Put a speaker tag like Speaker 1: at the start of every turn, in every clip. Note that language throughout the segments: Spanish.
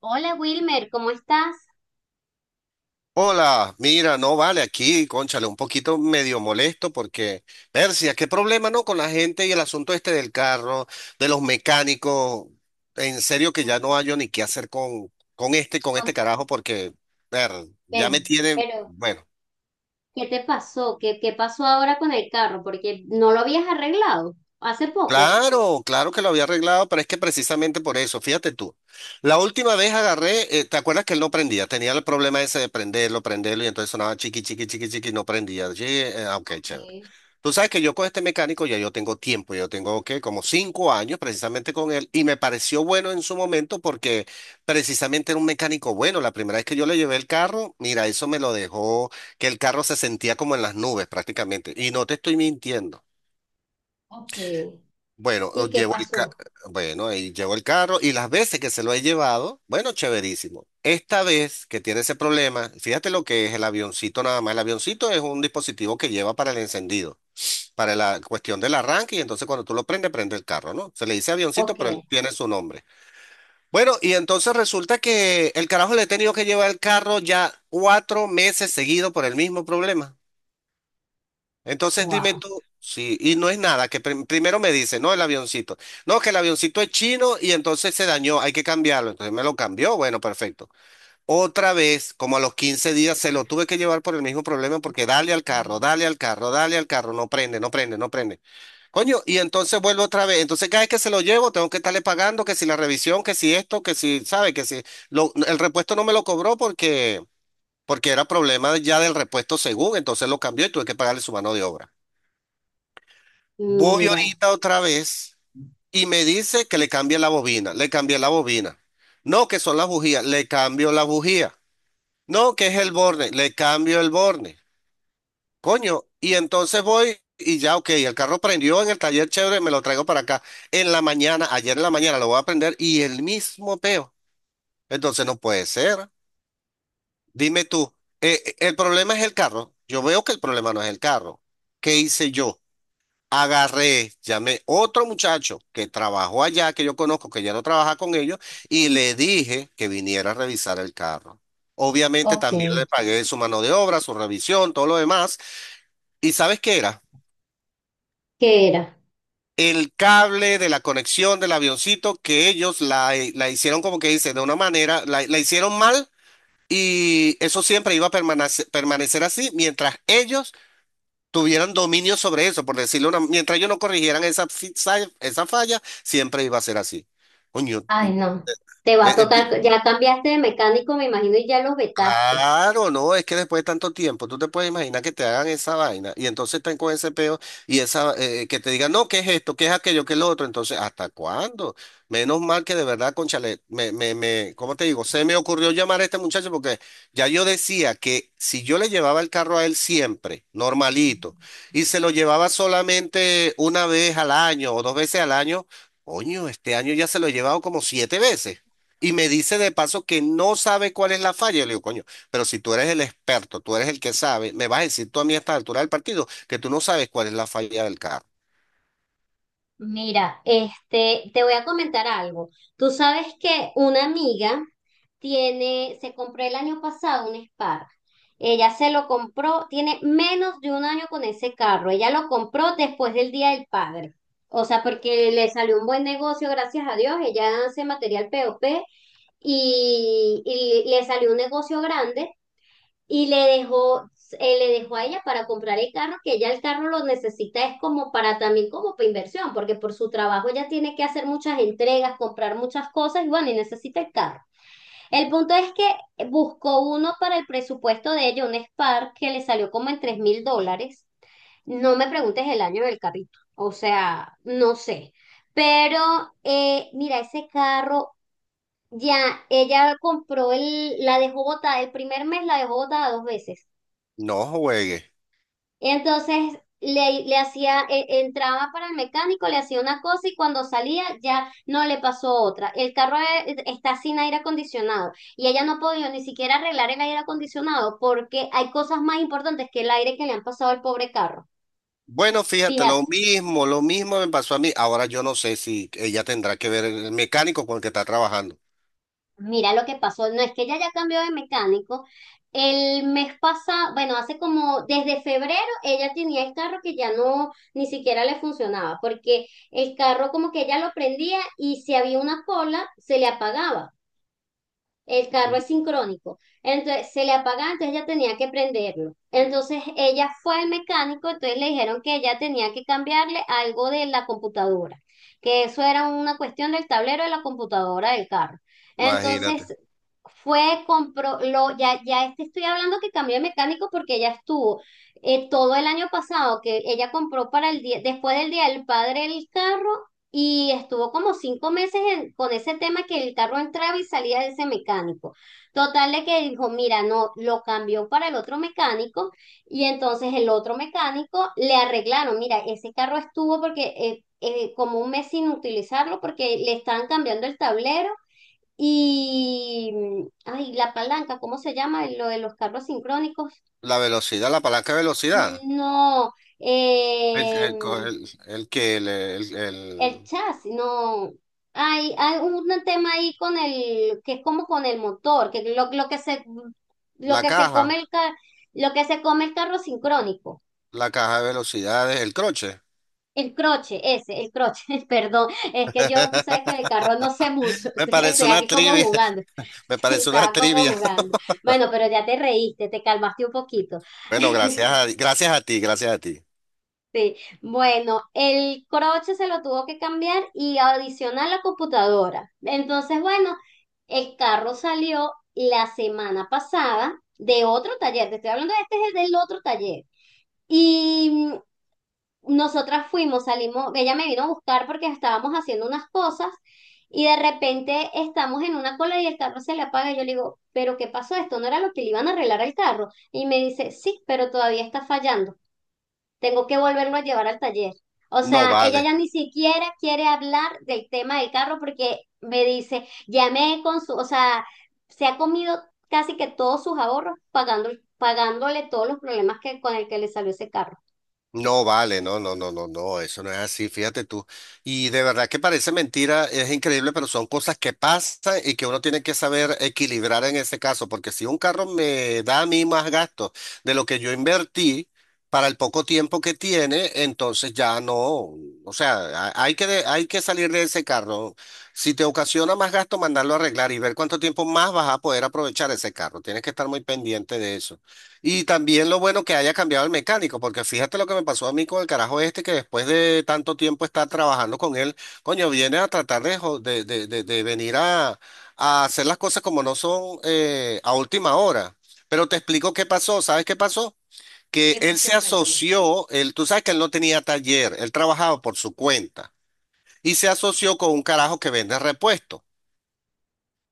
Speaker 1: Hola Wilmer, ¿cómo estás?
Speaker 2: Hola, mira, no vale aquí, cónchale, un poquito medio molesto porque, Persia, qué problema, ¿no? Con la gente y el asunto este del carro, de los mecánicos. En serio que ya no hallo ni qué hacer con este
Speaker 1: Con-
Speaker 2: carajo porque, ver, ya
Speaker 1: Pero,
Speaker 2: me tiene,
Speaker 1: pero,
Speaker 2: bueno.
Speaker 1: ¿qué te pasó? ¿Qué pasó ahora con el carro? Porque no lo habías arreglado hace poco.
Speaker 2: Claro, claro que lo había arreglado, pero es que precisamente por eso, fíjate tú, la última vez agarré, ¿te acuerdas que él no prendía? Tenía el problema ese de prenderlo, prenderlo y entonces sonaba chiqui, chiqui, chiqui, chiqui, y no prendía. Sí, ok,
Speaker 1: Ok.
Speaker 2: chévere. Tú sabes que yo con este mecánico ya yo tengo tiempo, yo tengo ¿qué? Como 5 años precisamente con él y me pareció bueno en su momento porque precisamente era un mecánico bueno. La primera vez que yo le llevé el carro, mira, eso me lo dejó, que el carro se sentía como en las nubes prácticamente y no te estoy mintiendo.
Speaker 1: Ok.
Speaker 2: Bueno, o
Speaker 1: ¿Y qué
Speaker 2: llevo el ca-
Speaker 1: pasó?
Speaker 2: bueno, ahí llevo el carro y las veces que se lo he llevado, bueno, chéverísimo. Esta vez que tiene ese problema, fíjate lo que es el avioncito nada más. El avioncito es un dispositivo que lleva para el encendido, para la cuestión del arranque y entonces cuando tú lo prendes, prende el carro, ¿no? Se le dice avioncito,
Speaker 1: Ok.
Speaker 2: pero él tiene su nombre. Bueno, y entonces resulta que el carajo le he tenido que llevar el carro ya 4 meses seguido por el mismo problema. Entonces dime
Speaker 1: Wow.
Speaker 2: tú, sí, y no es nada, que primero me dice, no, el avioncito. No, que el avioncito es chino y entonces se dañó, hay que cambiarlo. Entonces me lo cambió, bueno, perfecto. Otra vez, como a los 15 días, se lo tuve que llevar por el mismo problema porque dale al carro, dale al carro, dale al carro, no prende, no prende, no prende. Coño, y entonces vuelvo otra vez. Entonces cada vez que se lo llevo, tengo que estarle pagando, que si la revisión, que si esto, que si, sabe, que si el repuesto no me lo cobró porque era problema ya del repuesto según, entonces lo cambió y tuve que pagarle su mano de obra. Voy
Speaker 1: Mira.
Speaker 2: ahorita otra vez y me dice que le cambie la bobina. Le cambié la bobina. No, que son las bujías. Le cambio la bujía. No, que es el borne. Le cambio el borne. Coño. Y entonces voy y ya, ok, el carro prendió en el taller chévere, me lo traigo para acá. En la mañana, ayer en la mañana lo voy a prender y el mismo peo. Entonces no puede ser. Dime tú, ¿el problema es el carro? Yo veo que el problema no es el carro. ¿Qué hice yo? Agarré, llamé otro muchacho que trabajó allá, que yo conozco, que ya no trabaja con ellos, y le dije que viniera a revisar el carro. Obviamente
Speaker 1: Ok.
Speaker 2: también le pagué su mano de obra, su revisión, todo lo demás. ¿Y sabes qué era?
Speaker 1: ¿Qué era?
Speaker 2: El cable de la conexión del avioncito que ellos la hicieron como que dice, de una manera, la hicieron mal y eso siempre iba a permanecer, permanecer así mientras ellos tuvieran dominio sobre eso, por decirlo una, mientras ellos no corrigieran esa falla, siempre iba a ser así. Coño,
Speaker 1: Ay, no. Te va a
Speaker 2: eh,
Speaker 1: tocar, ya cambiaste de mecánico, me imagino, y ya los vetaste.
Speaker 2: claro, no, es que después de tanto tiempo, tú te puedes imaginar que te hagan esa vaina y entonces están con ese peo y esa que te digan, no, ¿qué es esto? ¿Qué es aquello? ¿Qué es lo otro? Entonces, ¿hasta cuándo? Menos mal que de verdad, conchale, ¿cómo te digo? Se me ocurrió llamar a este muchacho porque ya yo decía que si yo le llevaba el carro a él siempre, normalito, y se lo llevaba solamente una vez al año o dos veces al año, coño, este año ya se lo he llevado como siete veces. Y me dice de paso que no sabe cuál es la falla. Yo le digo, coño, pero si tú eres el experto, tú eres el que sabe, me vas a decir tú a mí a esta altura del partido que tú no sabes cuál es la falla del carro.
Speaker 1: Mira, este, te voy a comentar algo. Tú sabes que una amiga tiene, se compró el año pasado un Spark. Ella se lo compró, tiene menos de un año con ese carro. Ella lo compró después del Día del Padre. O sea, porque le salió un buen negocio, gracias a Dios. Ella hace material POP y, y le salió un negocio grande y le dejó a ella para comprar el carro, que ella el carro lo necesita, es como para también como para inversión, porque por su trabajo ella tiene que hacer muchas entregas, comprar muchas cosas y bueno, y necesita el carro. El punto es que buscó uno para el presupuesto de ella, un Spark que le salió como en $3.000. No me preguntes el año del carrito, o sea, no sé. Pero mira, ese carro ya, ella compró el, la dejó botada, el primer mes la dejó botada dos veces.
Speaker 2: No juegues.
Speaker 1: Entonces le hacía, entraba para el mecánico, le hacía una cosa y cuando salía ya no le pasó otra. El carro está sin aire acondicionado y ella no ha podido ni siquiera arreglar el aire acondicionado porque hay cosas más importantes que el aire que le han pasado al pobre carro.
Speaker 2: Bueno, fíjate,
Speaker 1: Fíjate.
Speaker 2: lo mismo me pasó a mí. Ahora yo no sé si ella tendrá que ver el mecánico con el que está trabajando.
Speaker 1: Mira lo que pasó, no es que ella ya cambió de mecánico. El mes pasado, bueno, hace como desde febrero ella tenía el carro que ya no ni siquiera le funcionaba, porque el carro como que ella lo prendía y si había una cola se le apagaba. El carro es sincrónico. Entonces se le apagaba, entonces ella tenía que prenderlo. Entonces ella fue al mecánico, entonces le dijeron que ella tenía que cambiarle algo de la computadora, que eso era una cuestión del tablero de la computadora del carro.
Speaker 2: Imagínate.
Speaker 1: Entonces fue, compró, lo, ya, ya este estoy hablando que cambió de mecánico porque ella estuvo todo el año pasado, que ella compró para el día, después del Día del Padre el carro y estuvo como cinco meses con ese tema que el carro entraba y salía de ese mecánico. Total de que dijo, mira, no, lo cambió para el otro mecánico y entonces el otro mecánico le arreglaron, mira, ese carro estuvo porque como un mes sin utilizarlo porque le estaban cambiando el tablero y, mm, ay, la palanca, ¿cómo se llama? Lo de los carros sincrónicos.
Speaker 2: La velocidad, la palanca de velocidad.
Speaker 1: No, em,
Speaker 2: El, co- el que,
Speaker 1: el
Speaker 2: el-
Speaker 1: chasis, no. Hay un tema ahí con el, que es como con el motor, que lo
Speaker 2: La
Speaker 1: que se come
Speaker 2: caja,
Speaker 1: el lo que se come el carro sincrónico.
Speaker 2: la caja de velocidades, el croche.
Speaker 1: El croche, ese, el croche, perdón. Es que yo, tú sabes que el carro no sé mucho.
Speaker 2: Me parece
Speaker 1: Estoy
Speaker 2: una
Speaker 1: aquí como
Speaker 2: trivia.
Speaker 1: jugando.
Speaker 2: Me
Speaker 1: Sí,
Speaker 2: parece una
Speaker 1: estaba como
Speaker 2: trivia.
Speaker 1: jugando. Bueno, pero ya te reíste, te calmaste un poquito.
Speaker 2: Bueno, gracias a ti, gracias a ti.
Speaker 1: Sí, bueno, el croche se lo tuvo que cambiar y adicionar la computadora. Entonces, bueno, el carro salió la semana pasada de otro taller, te estoy hablando de este, es el del otro taller. Y mm, nosotras fuimos, salimos, ella me vino a buscar porque estábamos haciendo unas cosas y de repente estamos en una cola y el carro se le apaga. Y yo le digo, ¿pero qué pasó? Esto no era lo que le iban a arreglar al carro. Y me dice, sí, pero todavía está fallando. Tengo que volverlo a llevar al taller. O
Speaker 2: No
Speaker 1: sea, ella
Speaker 2: vale.
Speaker 1: ya ni siquiera quiere hablar del tema del carro porque me dice, llamé con su, o sea, se ha comido casi que todos sus ahorros pagando, pagándole todos los problemas que, con el que le salió ese carro.
Speaker 2: No vale, no, no, no, no, no, eso no es así, fíjate tú. Y de verdad que parece mentira, es increíble, pero son cosas que pasan y que uno tiene que saber equilibrar en ese caso, porque si un carro me da a mí más gastos de lo que yo invertí para el poco tiempo que tiene, entonces ya no, o sea, hay que salir de ese carro. Si te ocasiona más gasto, mandarlo a arreglar y ver cuánto tiempo más vas a poder aprovechar ese carro. Tienes que estar muy pendiente de eso. Y también lo bueno que haya cambiado el mecánico, porque fíjate lo que me pasó a mí con el carajo este, que después de tanto tiempo estar trabajando con él, coño, viene a tratar de, jo- de venir a hacer las cosas como no son a última hora. Pero te explico qué pasó, ¿sabes qué pasó? Que él se asoció, él, tú sabes que él no tenía taller, él trabajaba por su cuenta, y se asoció con un carajo que vende repuestos.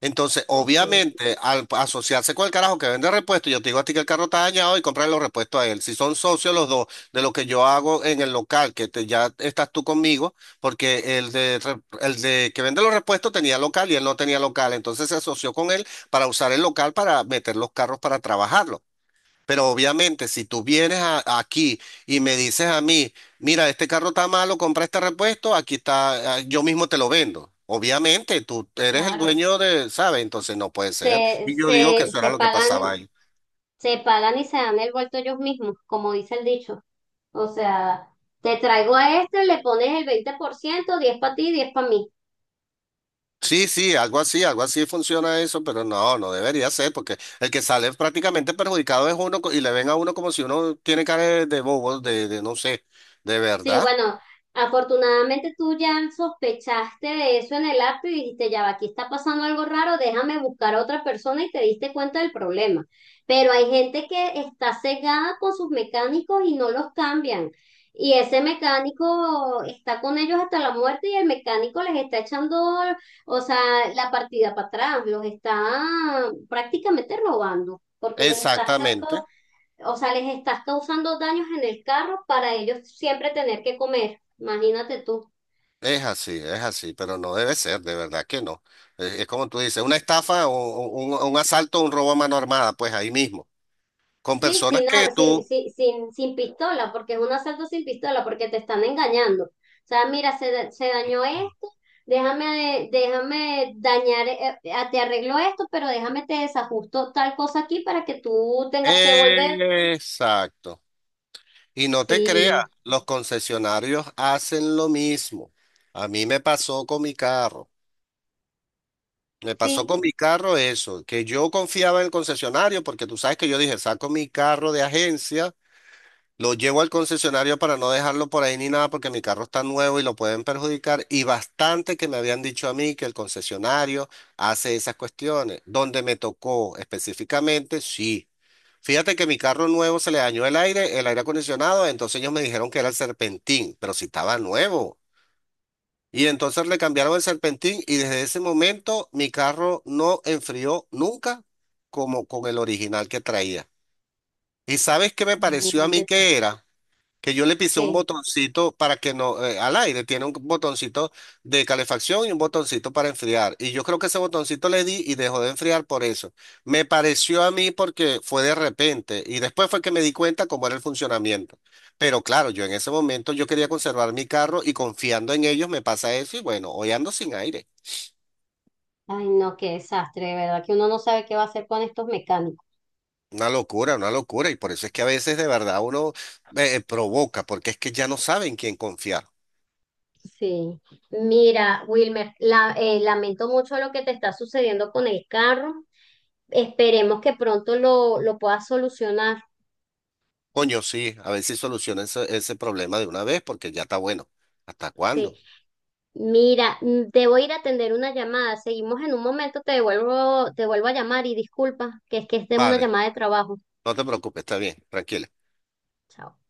Speaker 2: Entonces, obviamente, al asociarse con el carajo que vende repuestos, yo te digo a ti que el carro está dañado y comprar los repuestos a él. Si son socios los dos de lo que yo hago en el local, que te- ya estás tú conmigo, porque el de que vende los repuestos tenía local y él no tenía local, entonces se asoció con él para usar el local para meter los carros para trabajarlo. Pero obviamente, si tú vienes aquí y me dices a mí, mira, este carro está malo, compra este repuesto, aquí está, ah, yo mismo te lo vendo. Obviamente, tú eres el
Speaker 1: Claro.
Speaker 2: dueño de, ¿sabes? Entonces no puede ser.
Speaker 1: Se,
Speaker 2: Y yo digo que
Speaker 1: se,
Speaker 2: eso
Speaker 1: se
Speaker 2: era lo que
Speaker 1: pagan,
Speaker 2: pasaba ahí.
Speaker 1: se pagan y se dan el vuelto ellos mismos, como dice el dicho. O sea, te traigo a este, le pones el 20%, 10 para ti, 10 para mí.
Speaker 2: Sí, sí, algo así funciona eso, pero no, no debería ser, porque el que sale prácticamente perjudicado es y le ven a uno como si uno tiene cara de, bobo, de no sé, de
Speaker 1: Sí,
Speaker 2: verdad.
Speaker 1: bueno, afortunadamente tú ya sospechaste de eso en el app y dijiste, ya va, aquí está pasando algo raro, déjame buscar a otra persona y te diste cuenta del problema. Pero hay gente que está cegada con sus mecánicos y no los cambian. Y ese mecánico está con ellos hasta la muerte y el mecánico les está echando, o sea, la partida para atrás, los está prácticamente robando, porque les está
Speaker 2: Exactamente.
Speaker 1: o sea, les estás causando daños en el carro para ellos siempre tener que comer. Imagínate tú.
Speaker 2: Es así, pero no debe ser, de verdad que no. Es como tú dices, una estafa o un asalto, un robo a mano armada, pues ahí mismo, con
Speaker 1: Sí,
Speaker 2: personas
Speaker 1: sin,
Speaker 2: que
Speaker 1: ar- sin,
Speaker 2: tú...
Speaker 1: sin, sin, sin pistola, porque es un asalto sin pistola, porque te están engañando. O sea, mira, se dañó esto, déjame dañar, te arreglo esto, pero déjame te desajusto tal cosa aquí para que tú tengas que volver.
Speaker 2: Exacto. Y no te creas,
Speaker 1: Sí,
Speaker 2: los concesionarios hacen lo mismo. A mí me pasó con mi carro. Me pasó
Speaker 1: sí,
Speaker 2: con mi carro eso, que yo confiaba en el concesionario porque tú sabes que yo dije, saco mi carro de agencia. Lo llevo al concesionario para no dejarlo por ahí ni nada porque mi carro está nuevo y lo pueden perjudicar. Y bastante que me habían dicho a mí que el concesionario hace esas cuestiones. Donde me tocó específicamente, sí. Fíjate que mi carro nuevo se le dañó el aire acondicionado, entonces ellos me dijeron que era el serpentín, pero si estaba nuevo. Y entonces le cambiaron el serpentín y desde ese momento mi carro no enfrió nunca como con el original que traía. ¿Y sabes qué me pareció a mí
Speaker 1: imagínate tú.
Speaker 2: que era? Que yo le pisé un
Speaker 1: ¿Qué?
Speaker 2: botoncito para que no, al aire, tiene un botoncito de calefacción y un botoncito para enfriar. Y yo creo que ese botoncito le di y dejó de enfriar por eso. Me pareció a mí porque fue de repente y después fue que me di cuenta cómo era el funcionamiento. Pero claro, yo en ese momento yo quería conservar mi carro y confiando en ellos me pasa eso y bueno, hoy ando sin aire.
Speaker 1: Ay, no, qué desastre, de verdad, que uno no sabe qué va a hacer con estos mecánicos.
Speaker 2: Una locura, una locura. Y por eso es que a veces de verdad uno provoca, porque es que ya no saben quién confiar.
Speaker 1: Sí, mira, Wilmer, lamento mucho lo que te está sucediendo con el carro. Esperemos que pronto lo puedas solucionar.
Speaker 2: Coño, sí, a ver si soluciona ese problema de una vez, porque ya está bueno. ¿Hasta
Speaker 1: Sí,
Speaker 2: cuándo?
Speaker 1: mira, mm, debo ir a atender una llamada. Seguimos en un momento, te devuelvo, te vuelvo a llamar y disculpa, que es de una
Speaker 2: Vale,
Speaker 1: llamada de trabajo.
Speaker 2: no te preocupes, está bien, tranquilo.
Speaker 1: Chao.